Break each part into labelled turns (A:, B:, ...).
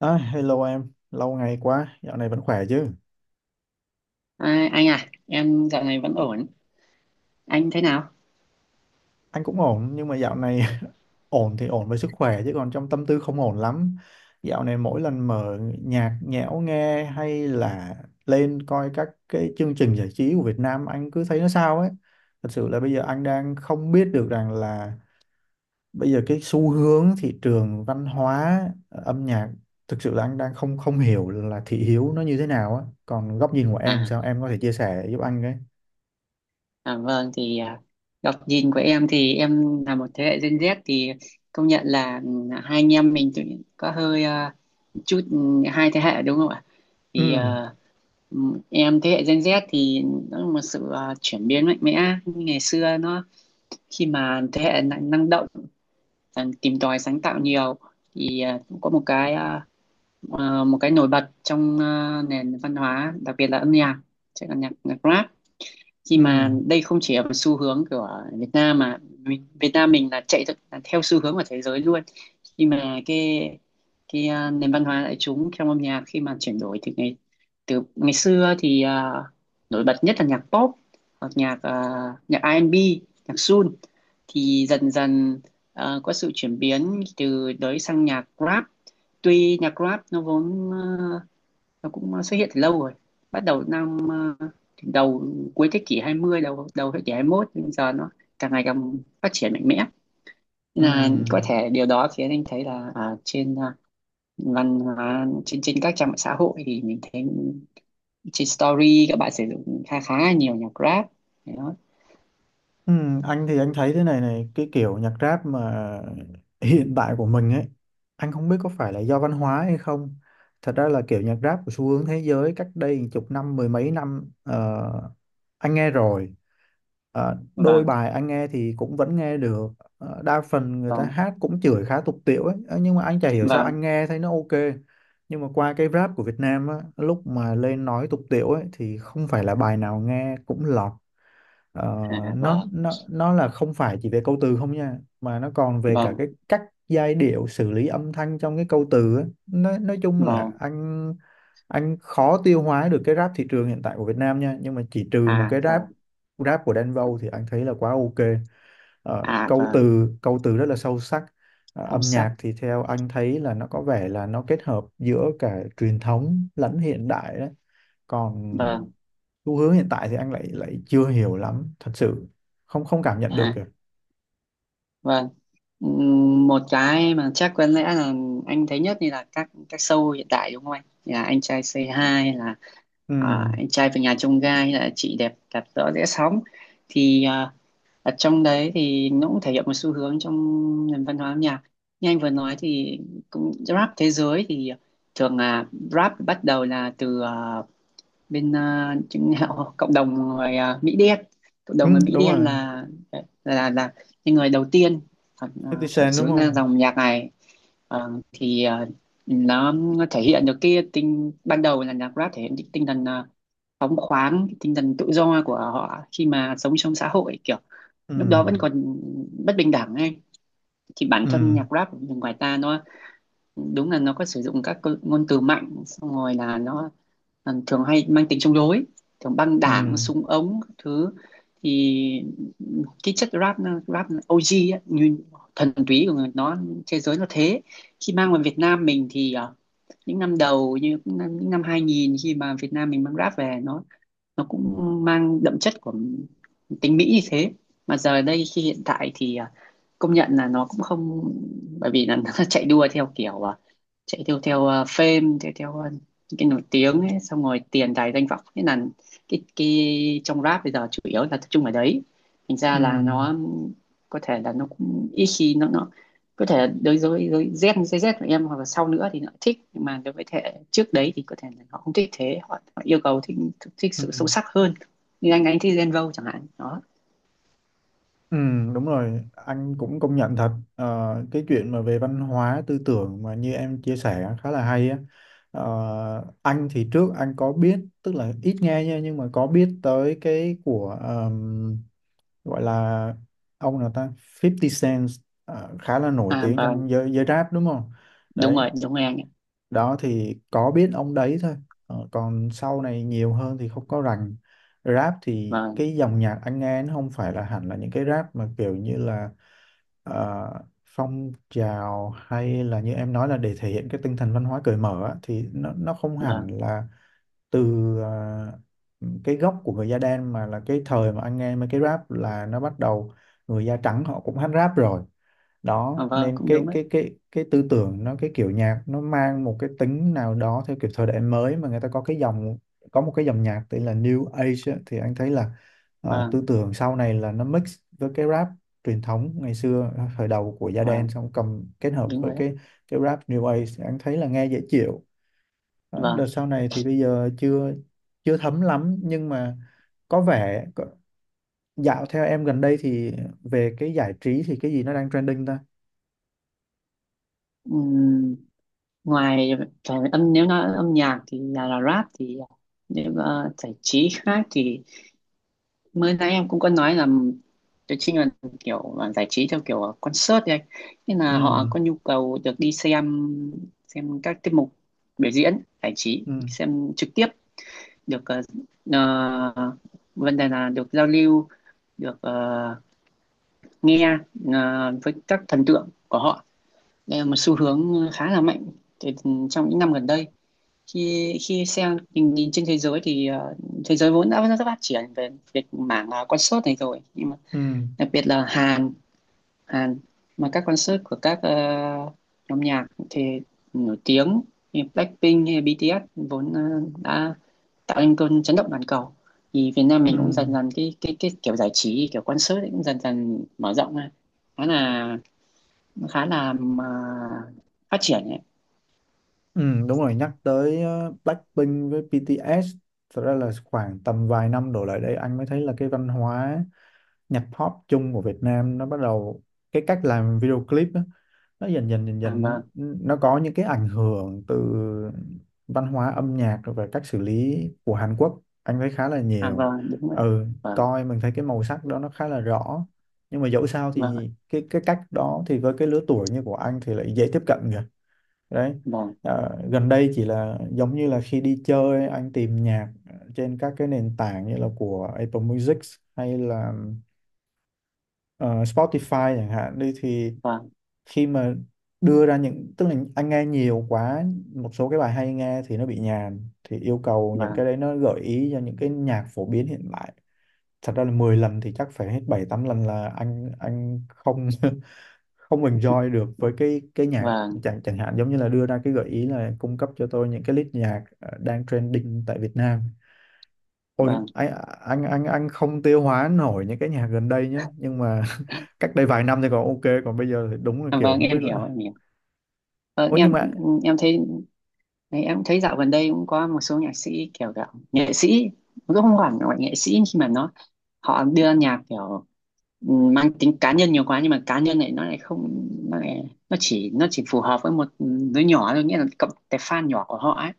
A: À, hello em, lâu ngày quá, dạo này vẫn khỏe chứ?
B: Anh à, em dạo này vẫn ổn. Anh thế nào?
A: Anh cũng ổn, nhưng mà dạo này ổn thì ổn với sức khỏe chứ còn trong tâm tư không ổn lắm. Dạo này mỗi lần mở nhạc nhẽo nghe hay là lên coi các cái chương trình giải trí của Việt Nam anh cứ thấy nó sao ấy. Thật sự là bây giờ anh đang không biết được rằng là bây giờ cái xu hướng thị trường văn hóa, âm nhạc, thực sự là anh đang không không hiểu là thị hiếu nó như thế nào á. Còn góc nhìn của em
B: À,
A: sao em có thể chia sẻ giúp anh cái?
B: à vâng thì à, Góc nhìn của em thì em là một thế hệ Gen Z thì công nhận là hai anh em mình có hơi chút hai thế hệ đúng không ạ? Thì
A: Ừ,
B: à, ừ, em thế hệ Gen Z thì nó là một sự chuyển biến mạnh mẽ. Như ngày xưa nó khi mà thế hệ năng năng động, tìm tòi sáng tạo nhiều thì cũng có một cái một cái nổi bật trong nền văn hóa, đặc biệt là âm nhạc, chắc là nhạc nhạc rap. Khi
A: ừ.
B: mà đây không chỉ là một xu hướng của Việt Nam mà Việt Nam mình là chạy là theo xu hướng của thế giới luôn. Khi mà cái nền văn hóa đại chúng trong âm nhạc khi mà chuyển đổi từ ngày xưa thì nổi bật nhất là nhạc pop hoặc nhạc R&B, nhạc soul, thì dần dần có sự chuyển biến từ đấy sang nhạc rap. Tuy nhạc rap nó vốn nó cũng xuất hiện từ lâu rồi, bắt đầu năm ờ, đầu cuối thế kỷ 20, đầu đầu thế kỷ 21, nhưng giờ nó càng ngày càng phát triển mạnh mẽ. Nên là có
A: Ừ.
B: thể điều đó khiến anh thấy là văn hóa trên trên các trang mạng xã hội thì mình thấy trên story các bạn sử dụng khá khá là nhiều nhạc rap. Đấy đó.
A: Ừ. Anh thì anh thấy thế này này, cái kiểu nhạc rap mà hiện tại của mình ấy, anh không biết có phải là do văn hóa hay không, thật ra là kiểu nhạc rap của xu hướng thế giới cách đây chục năm mười mấy năm anh nghe rồi. Đôi
B: Vâng
A: bài anh nghe thì cũng vẫn nghe được. Đa phần người ta
B: vâng
A: hát cũng chửi khá tục tĩu ấy. Ờ, nhưng mà anh chả hiểu sao
B: vâng
A: anh nghe thấy nó ok, nhưng mà qua cái rap của Việt Nam á, lúc mà lên nói tục tĩu ấy thì không phải là bài nào nghe cũng lọt. Ờ,
B: à,
A: nó
B: vâng
A: nó nó là không phải chỉ về câu từ không nha, mà nó còn về cả
B: vâng
A: cái cách giai điệu xử lý âm thanh trong cái câu từ á. Nói chung là
B: vâng
A: anh khó tiêu hóa được cái rap thị trường hiện tại của Việt Nam nha, nhưng mà chỉ trừ một
B: à
A: cái rap,
B: vâng
A: rap của Đen Vâu thì anh thấy là quá ok.
B: à
A: Câu
B: vâng
A: từ câu từ rất là sâu sắc.
B: Không
A: Âm
B: sắc.
A: nhạc thì theo anh thấy là nó có vẻ là nó kết hợp giữa cả truyền thống lẫn hiện đại đấy, còn
B: vâng
A: xu hướng hiện tại thì anh lại lại chưa hiểu lắm thật sự, không không cảm nhận được
B: à
A: kìa.
B: vâng Một cái mà chắc có lẽ là anh thấy nhất thì là các show hiện tại đúng không anh? Thì là Anh Trai Say Hi hay là
A: Ừ,
B: Anh Trai về nhà chông Gai hay là Chị Đẹp Đạp rõ rẽ Sóng, thì ở trong đấy thì nó cũng thể hiện một xu hướng trong nền văn hóa âm nhạc. Như anh vừa nói thì cũng rap thế giới thì thường là rap bắt đầu là từ chứng cộng đồng Mỹ đen. Cộng đồng
A: ừ
B: người Mỹ
A: đúng rồi,
B: đen là là những người đầu tiên à,
A: 50
B: khởi
A: Cent đúng
B: xướng ra
A: không?
B: dòng nhạc này. Ờ, thì ờ, nó thể hiện được cái tinh ban đầu là nhạc rap, thể hiện cái tinh thần phóng khoáng, cái tinh thần tự do của họ khi mà sống trong xã hội kiểu
A: Ừ,
B: lúc đó vẫn còn bất bình đẳng ấy. Thì bản thân
A: ừ,
B: nhạc rap của người ngoài ta nó đúng là nó có sử dụng các ngôn từ mạnh, xong rồi là nó thường hay mang tính chống đối, thường băng
A: ừ,
B: đảng, súng ống các thứ. Thì cái chất rap rap OG á, như thần túy của người nó, thế giới nó thế. Khi mang vào Việt Nam mình thì những năm đầu như những năm 2000, khi mà Việt Nam mình mang rap về nó cũng mang đậm chất của tính Mỹ như thế. Mà giờ đây khi hiện tại thì công nhận là nó cũng không, bởi vì là nó chạy đua theo kiểu chạy theo theo fame, theo theo những cái nổi tiếng ấy, xong rồi tiền tài danh vọng, thế là cái trong rap bây giờ chủ yếu là tập trung ở đấy. Thành ra
A: ừ,
B: là nó có thể là nó cũng ít khi nó có thể là đối với Gen Z của em hoặc là sau nữa thì nó thích, nhưng mà đối với thế hệ trước đấy thì có thể là họ không thích. Họ yêu cầu thích thích
A: ừ,
B: sự sâu sắc hơn, như anh thích Gen Vogue chẳng hạn đó.
A: ừ đúng rồi, anh cũng công nhận thật. Cái chuyện mà về văn hóa tư tưởng mà như em chia sẻ khá là hay á. Anh thì trước anh có biết, tức là ít nghe nha, nhưng mà có biết tới cái của, gọi là, ông nào ta, 50 Cent à, khá là nổi
B: À
A: tiếng
B: vâng,
A: trong giới giới rap đúng không?
B: đúng
A: Đấy
B: rồi, đúng rồi anh ạ.
A: đó, thì có biết ông đấy thôi. Còn sau này nhiều hơn thì không có rành. Rap thì
B: Vâng,
A: cái dòng nhạc anh nghe nó không phải là hẳn là những cái rap mà kiểu như là ờ, phong trào, hay là như em nói là để thể hiện cái tinh thần văn hóa cởi mở á, thì nó không hẳn
B: vâng.
A: là từ cái gốc của người da đen, mà là cái thời mà anh nghe mấy cái rap là nó bắt đầu, người da trắng họ cũng hát rap rồi.
B: à,
A: Đó
B: vâng
A: nên
B: cũng đúng
A: cái
B: đấy.
A: cái cái cái tư tưởng nó, cái kiểu nhạc nó mang một cái tính nào đó theo kiểu thời đại mới, mà người ta có cái dòng, có một cái dòng nhạc tên là New Age á, thì anh thấy là
B: Vâng.
A: tư tưởng sau này là nó mix với cái rap truyền thống ngày xưa, thời đầu của da đen,
B: Vâng,
A: xong cầm kết hợp
B: đúng
A: với
B: rồi đấy.
A: cái rap New Age, anh thấy là nghe dễ chịu. Đó, đợt
B: Vâng.
A: sau này thì bây giờ chưa chưa thấm lắm, nhưng mà có vẻ dạo theo em gần đây thì về cái giải trí thì cái gì nó đang trending ta?
B: Ừm, ngoài phải âm nếu nói âm nhạc thì là rap thì nếu mà giải trí khác thì mới nãy em cũng có nói là tôi chính là kiểu là giải trí theo kiểu concert ấy. Nên
A: Ừ,
B: là họ có nhu cầu được đi xem các tiết mục biểu diễn giải trí,
A: ừ,
B: xem trực tiếp được ờ, vấn đề là được giao lưu, được nghe với các thần tượng của họ. Đây là một xu hướng khá là mạnh từ trong những năm gần đây. Khi khi xem tình nhìn trên thế giới thì thế giới vốn đã rất phát triển về việc mảng concert này rồi, nhưng mà
A: ừ,
B: đặc biệt là Hàn Hàn, mà các concert của nhóm nhạc thì nổi tiếng như Blackpink hay BTS vốn đã tạo nên cơn chấn động toàn cầu, thì Việt Nam
A: ừ,
B: mình cũng dần dần cái kiểu giải trí kiểu concert ấy cũng dần dần mở rộng ra, khá là khá là mà phát triển ấy.
A: ừ đúng rồi, nhắc tới Blackpink với BTS, thật ra là khoảng tầm vài năm đổ lại đây anh mới thấy là cái văn hóa nhạc pop chung của Việt Nam nó bắt đầu, cái cách làm video clip á, nó dần dần dần
B: À,
A: dần
B: vâng
A: nó có những cái ảnh hưởng từ văn hóa âm nhạc rồi về cách xử lý của Hàn Quốc, anh thấy khá là
B: à,
A: nhiều.
B: vâng đúng rồi ạ.
A: Ừ,
B: Vâng.
A: coi mình thấy cái màu sắc đó nó khá là rõ, nhưng mà dẫu sao
B: Vâng ạ.
A: thì cái cách đó thì với cái lứa tuổi như của anh thì lại dễ tiếp cận kìa. Đấy,
B: vâng
A: Gần đây chỉ là giống như là khi đi chơi anh tìm nhạc trên các cái nền tảng như là của Apple Music hay là ờ, Spotify chẳng hạn đi, thì
B: vâng
A: khi mà đưa ra những, tức là anh nghe nhiều quá, một số cái bài hay nghe thì nó bị nhàm, thì yêu cầu những
B: vâng
A: cái đấy nó gợi ý cho những cái nhạc phổ biến hiện tại, thật ra là 10 lần thì chắc phải hết 7 8 lần là anh không không enjoy được với cái nhạc.
B: vâng
A: Chẳng chẳng hạn giống như là đưa ra cái gợi ý là cung cấp cho tôi những cái list nhạc đang trending tại Việt Nam. Ôi,
B: vâng
A: anh không tiêu hóa nổi những cái nhạc gần đây nhá, nhưng mà cách đây vài năm thì còn ok, còn bây giờ thì đúng là
B: À,
A: kiểu
B: vâng,
A: không
B: em
A: biết
B: hiểu,
A: là,
B: em hiểu. ờ,
A: ôi nhưng
B: em
A: mà,
B: em thấy, em thấy dạo gần đây cũng có một số nhạc sĩ kiểu kiểu nghệ sĩ, cũng không hẳn gọi nghệ sĩ, nhưng mà nó họ đưa nhạc kiểu mang tính cá nhân nhiều quá, nhưng mà cá nhân này nó lại không, nó chỉ, phù hợp với một đứa nhỏ thôi, nghĩa là cộng cái fan nhỏ của họ ấy.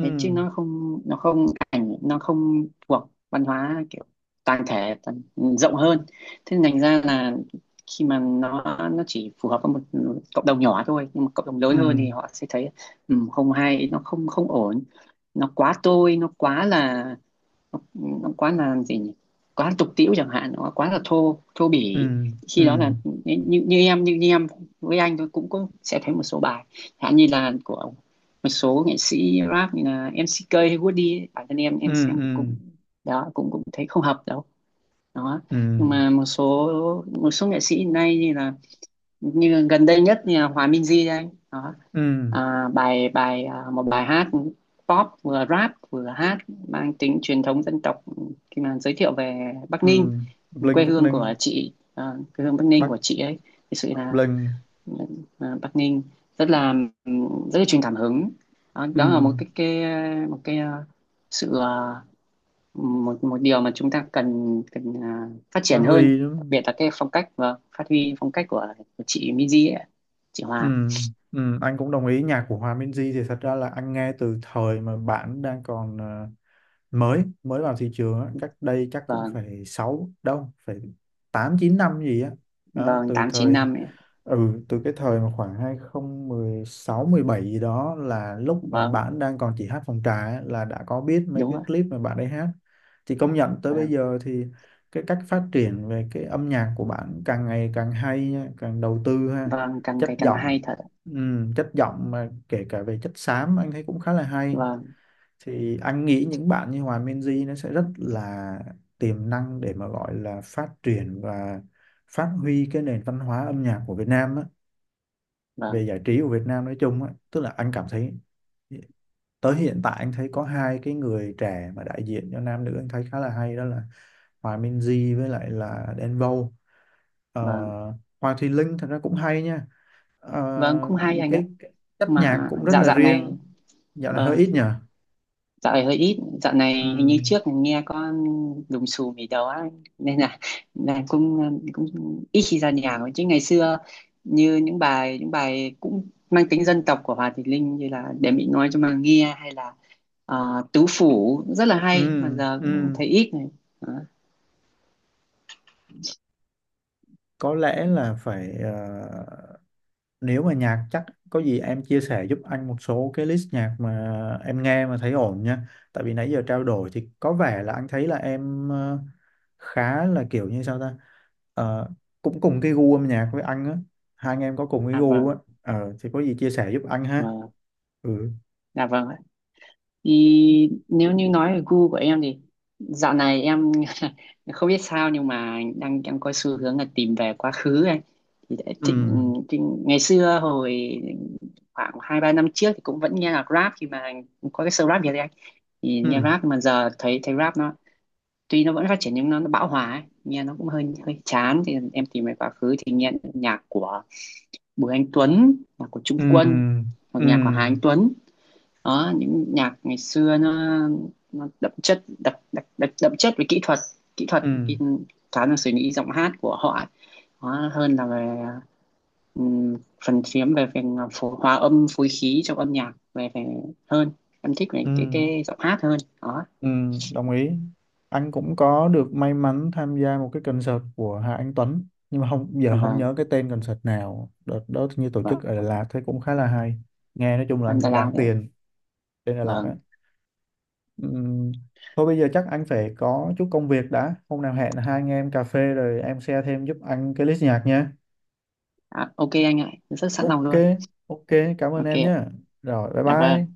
B: Thế chứ nó không, nó không ảnh nó không thuộc văn hóa kiểu toàn thể, rộng hơn. Thế nên thành ra là khi mà nó chỉ phù hợp với một cộng đồng nhỏ thôi, nhưng mà cộng đồng
A: ừ,
B: lớn hơn thì họ sẽ thấy không hay, nó không không ổn, nó quá tôi nó quá là nó quá là gì nhỉ, quá tục tĩu chẳng hạn, nó quá là thô thô
A: ừ,
B: bỉ.
A: ừ,
B: Khi đó là như em với anh tôi cũng có sẽ thấy một số bài chẳng hạn như là của một số nghệ sĩ rap như là MCK hay Woody ấy, bản thân em
A: ừ,
B: em xem cũng
A: ừ,
B: đó, cũng cũng thấy không hợp đâu đó.
A: ừ,
B: Nhưng mà một số nghệ sĩ hiện nay như là như gần đây nhất như là Hòa Minzy đây đó.
A: ừ,
B: À, bài Bài một bài hát pop, vừa rap vừa hát, mang tính truyền thống dân tộc, khi mà giới thiệu về Bắc Ninh,
A: ừ
B: quê
A: Blink Bắc
B: hương
A: Ninh,
B: của quê hương Bắc Ninh
A: Bắc,
B: của chị ấy. Thực sự
A: Bắc
B: là
A: Blink,
B: ừ, Bắc Ninh rất là ừ, rất là truyền cảm hứng. Đó,
A: ừ,
B: đó là cái một cái à, sự một một điều mà chúng ta cần cần à, phát
A: Phát
B: triển hơn,
A: Huy,
B: đặc
A: đúng.
B: biệt là cái phong cách và phát huy phong cách của chị Miji ấy, chị
A: Ừ,
B: Hòa.
A: ừ anh cũng đồng ý, nhạc của Hòa Minzy thì thật ra là anh nghe từ thời mà bạn đang còn mới mới vào thị trường á, cách đây chắc cũng
B: Vâng.
A: phải sáu, đâu phải 8 9 năm gì á. Đó.
B: Vâng,
A: Từ
B: tám chín
A: thời,
B: năm.
A: ừ từ cái thời mà khoảng 2016 2017 gì đó, là lúc mà
B: Vâng,
A: bạn đang còn chỉ hát phòng trà á, là đã có biết mấy
B: đúng
A: cái
B: rồi.
A: clip mà bạn ấy hát. Thì công nhận tới bây
B: Vâng.
A: giờ thì cái cách phát triển về cái âm nhạc của bạn càng ngày càng hay nha, càng đầu tư ha.
B: Vâng, càng
A: Chất
B: ngày càng
A: giọng,
B: hay thật ạ.
A: ừ, chất giọng mà kể cả về chất xám anh thấy cũng khá là hay.
B: Vâng.
A: Thì anh nghĩ những bạn như Hòa Minzy nó sẽ rất là tiềm năng để mà gọi là phát triển và phát huy cái nền văn hóa âm nhạc của Việt Nam á, về
B: Vâng.
A: giải trí của Việt Nam nói chung á, tức là anh cảm thấy tới hiện tại anh thấy có hai cái người trẻ mà đại diện cho nam nữ anh thấy khá là hay, đó là Hòa Minzy với lại là Đen Vâu. Ờ,
B: Vâng.
A: Hoàng Thùy Linh thật ra cũng hay nha. Ờ,
B: Vâng, cũng hay anh ạ.
A: cái chất nhạc
B: Mà
A: cũng rất
B: dạo
A: là
B: dạo
A: riêng.
B: này.
A: Dạo này hơi
B: Vâng,
A: ít nhở.
B: dạo này hơi ít, dạo này hình như
A: Ừ,
B: trước nghe con đùng xù mì đầu á, nên là cũng cũng ít khi ra nhà thôi, chứ ngày xưa như những bài cũng mang tính dân tộc của Hòa Thị Linh như là Để mình nói Cho Mà Nghe hay là Tứ Phủ rất là
A: ừ,
B: hay, mà giờ cũng
A: ừ
B: thấy ít này. Đó.
A: có lẽ là phải, nếu mà nhạc chắc, có gì em chia sẻ giúp anh một số cái list nhạc mà em nghe mà thấy ổn nha, tại vì nãy giờ trao đổi thì có vẻ là anh thấy là em khá là kiểu như sao ta. Ờ, Cũng cùng cái gu âm nhạc với anh á, hai anh em có cùng cái
B: À
A: gu
B: vâng.
A: á. Thì có gì chia sẻ giúp anh ha.
B: Vâng.
A: Ừ,
B: À vâng. Thì nếu như nói về gu của em thì dạo này em không biết sao nhưng mà đang đang có xu hướng là tìm về quá khứ ấy. Thì đã
A: ừ,
B: thịnh, thịnh, Ngày xưa hồi khoảng 2 3 năm trước thì cũng vẫn nghe nhạc rap khi mà có cái show Rap Việt ấy anh. Thì nghe
A: ừ,
B: rap mà giờ thấy thấy rap nó tuy nó vẫn phát triển nhưng nó bão hòa ấy. Nghe nó cũng hơi hơi chán, thì em tìm về quá khứ thì nghe nhạc của Bùi Anh Tuấn, nhạc của Trung
A: ừ,
B: Quân hoặc
A: ừ,
B: nhạc của Hà Anh Tuấn. Đó, những nhạc ngày xưa nó đậm chất đậm chất về kỹ thuật, kỹ thuật
A: ừ,
B: cái khá là suy nghĩ giọng hát của họ đó, hơn là về ừm, phần chiếm về phần phổ, hòa âm phối khí trong âm nhạc về về hơn. Em thích về
A: ừ.
B: cái giọng hát hơn đó.
A: Ừ, đồng ý. Anh cũng có được may mắn tham gia một cái concert của Hà Anh Tuấn, nhưng mà không, giờ không
B: Vâng.
A: nhớ cái tên concert nào, đợt đó như tổ chức ở Đà
B: Vâng,
A: Lạt thấy cũng khá là hay, nghe nói chung là
B: hơn
A: anh
B: Đà
A: thấy
B: Lạt
A: đáng
B: đấy.
A: tiền. Tên Đà Lạt á.
B: Vâng.
A: Ừm, thôi bây giờ chắc anh phải có chút công việc đã, hôm nào hẹn hai anh em cà phê rồi em share thêm giúp anh cái list nhạc nha.
B: À, ok anh ạ, em rất sẵn lòng
A: Ok.
B: luôn.
A: Ok, cảm ơn
B: Ok
A: em
B: ạ.
A: nhé. Rồi bye
B: Dạ vâng,
A: bye.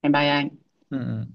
B: em bye anh.
A: Ừ. Ừ.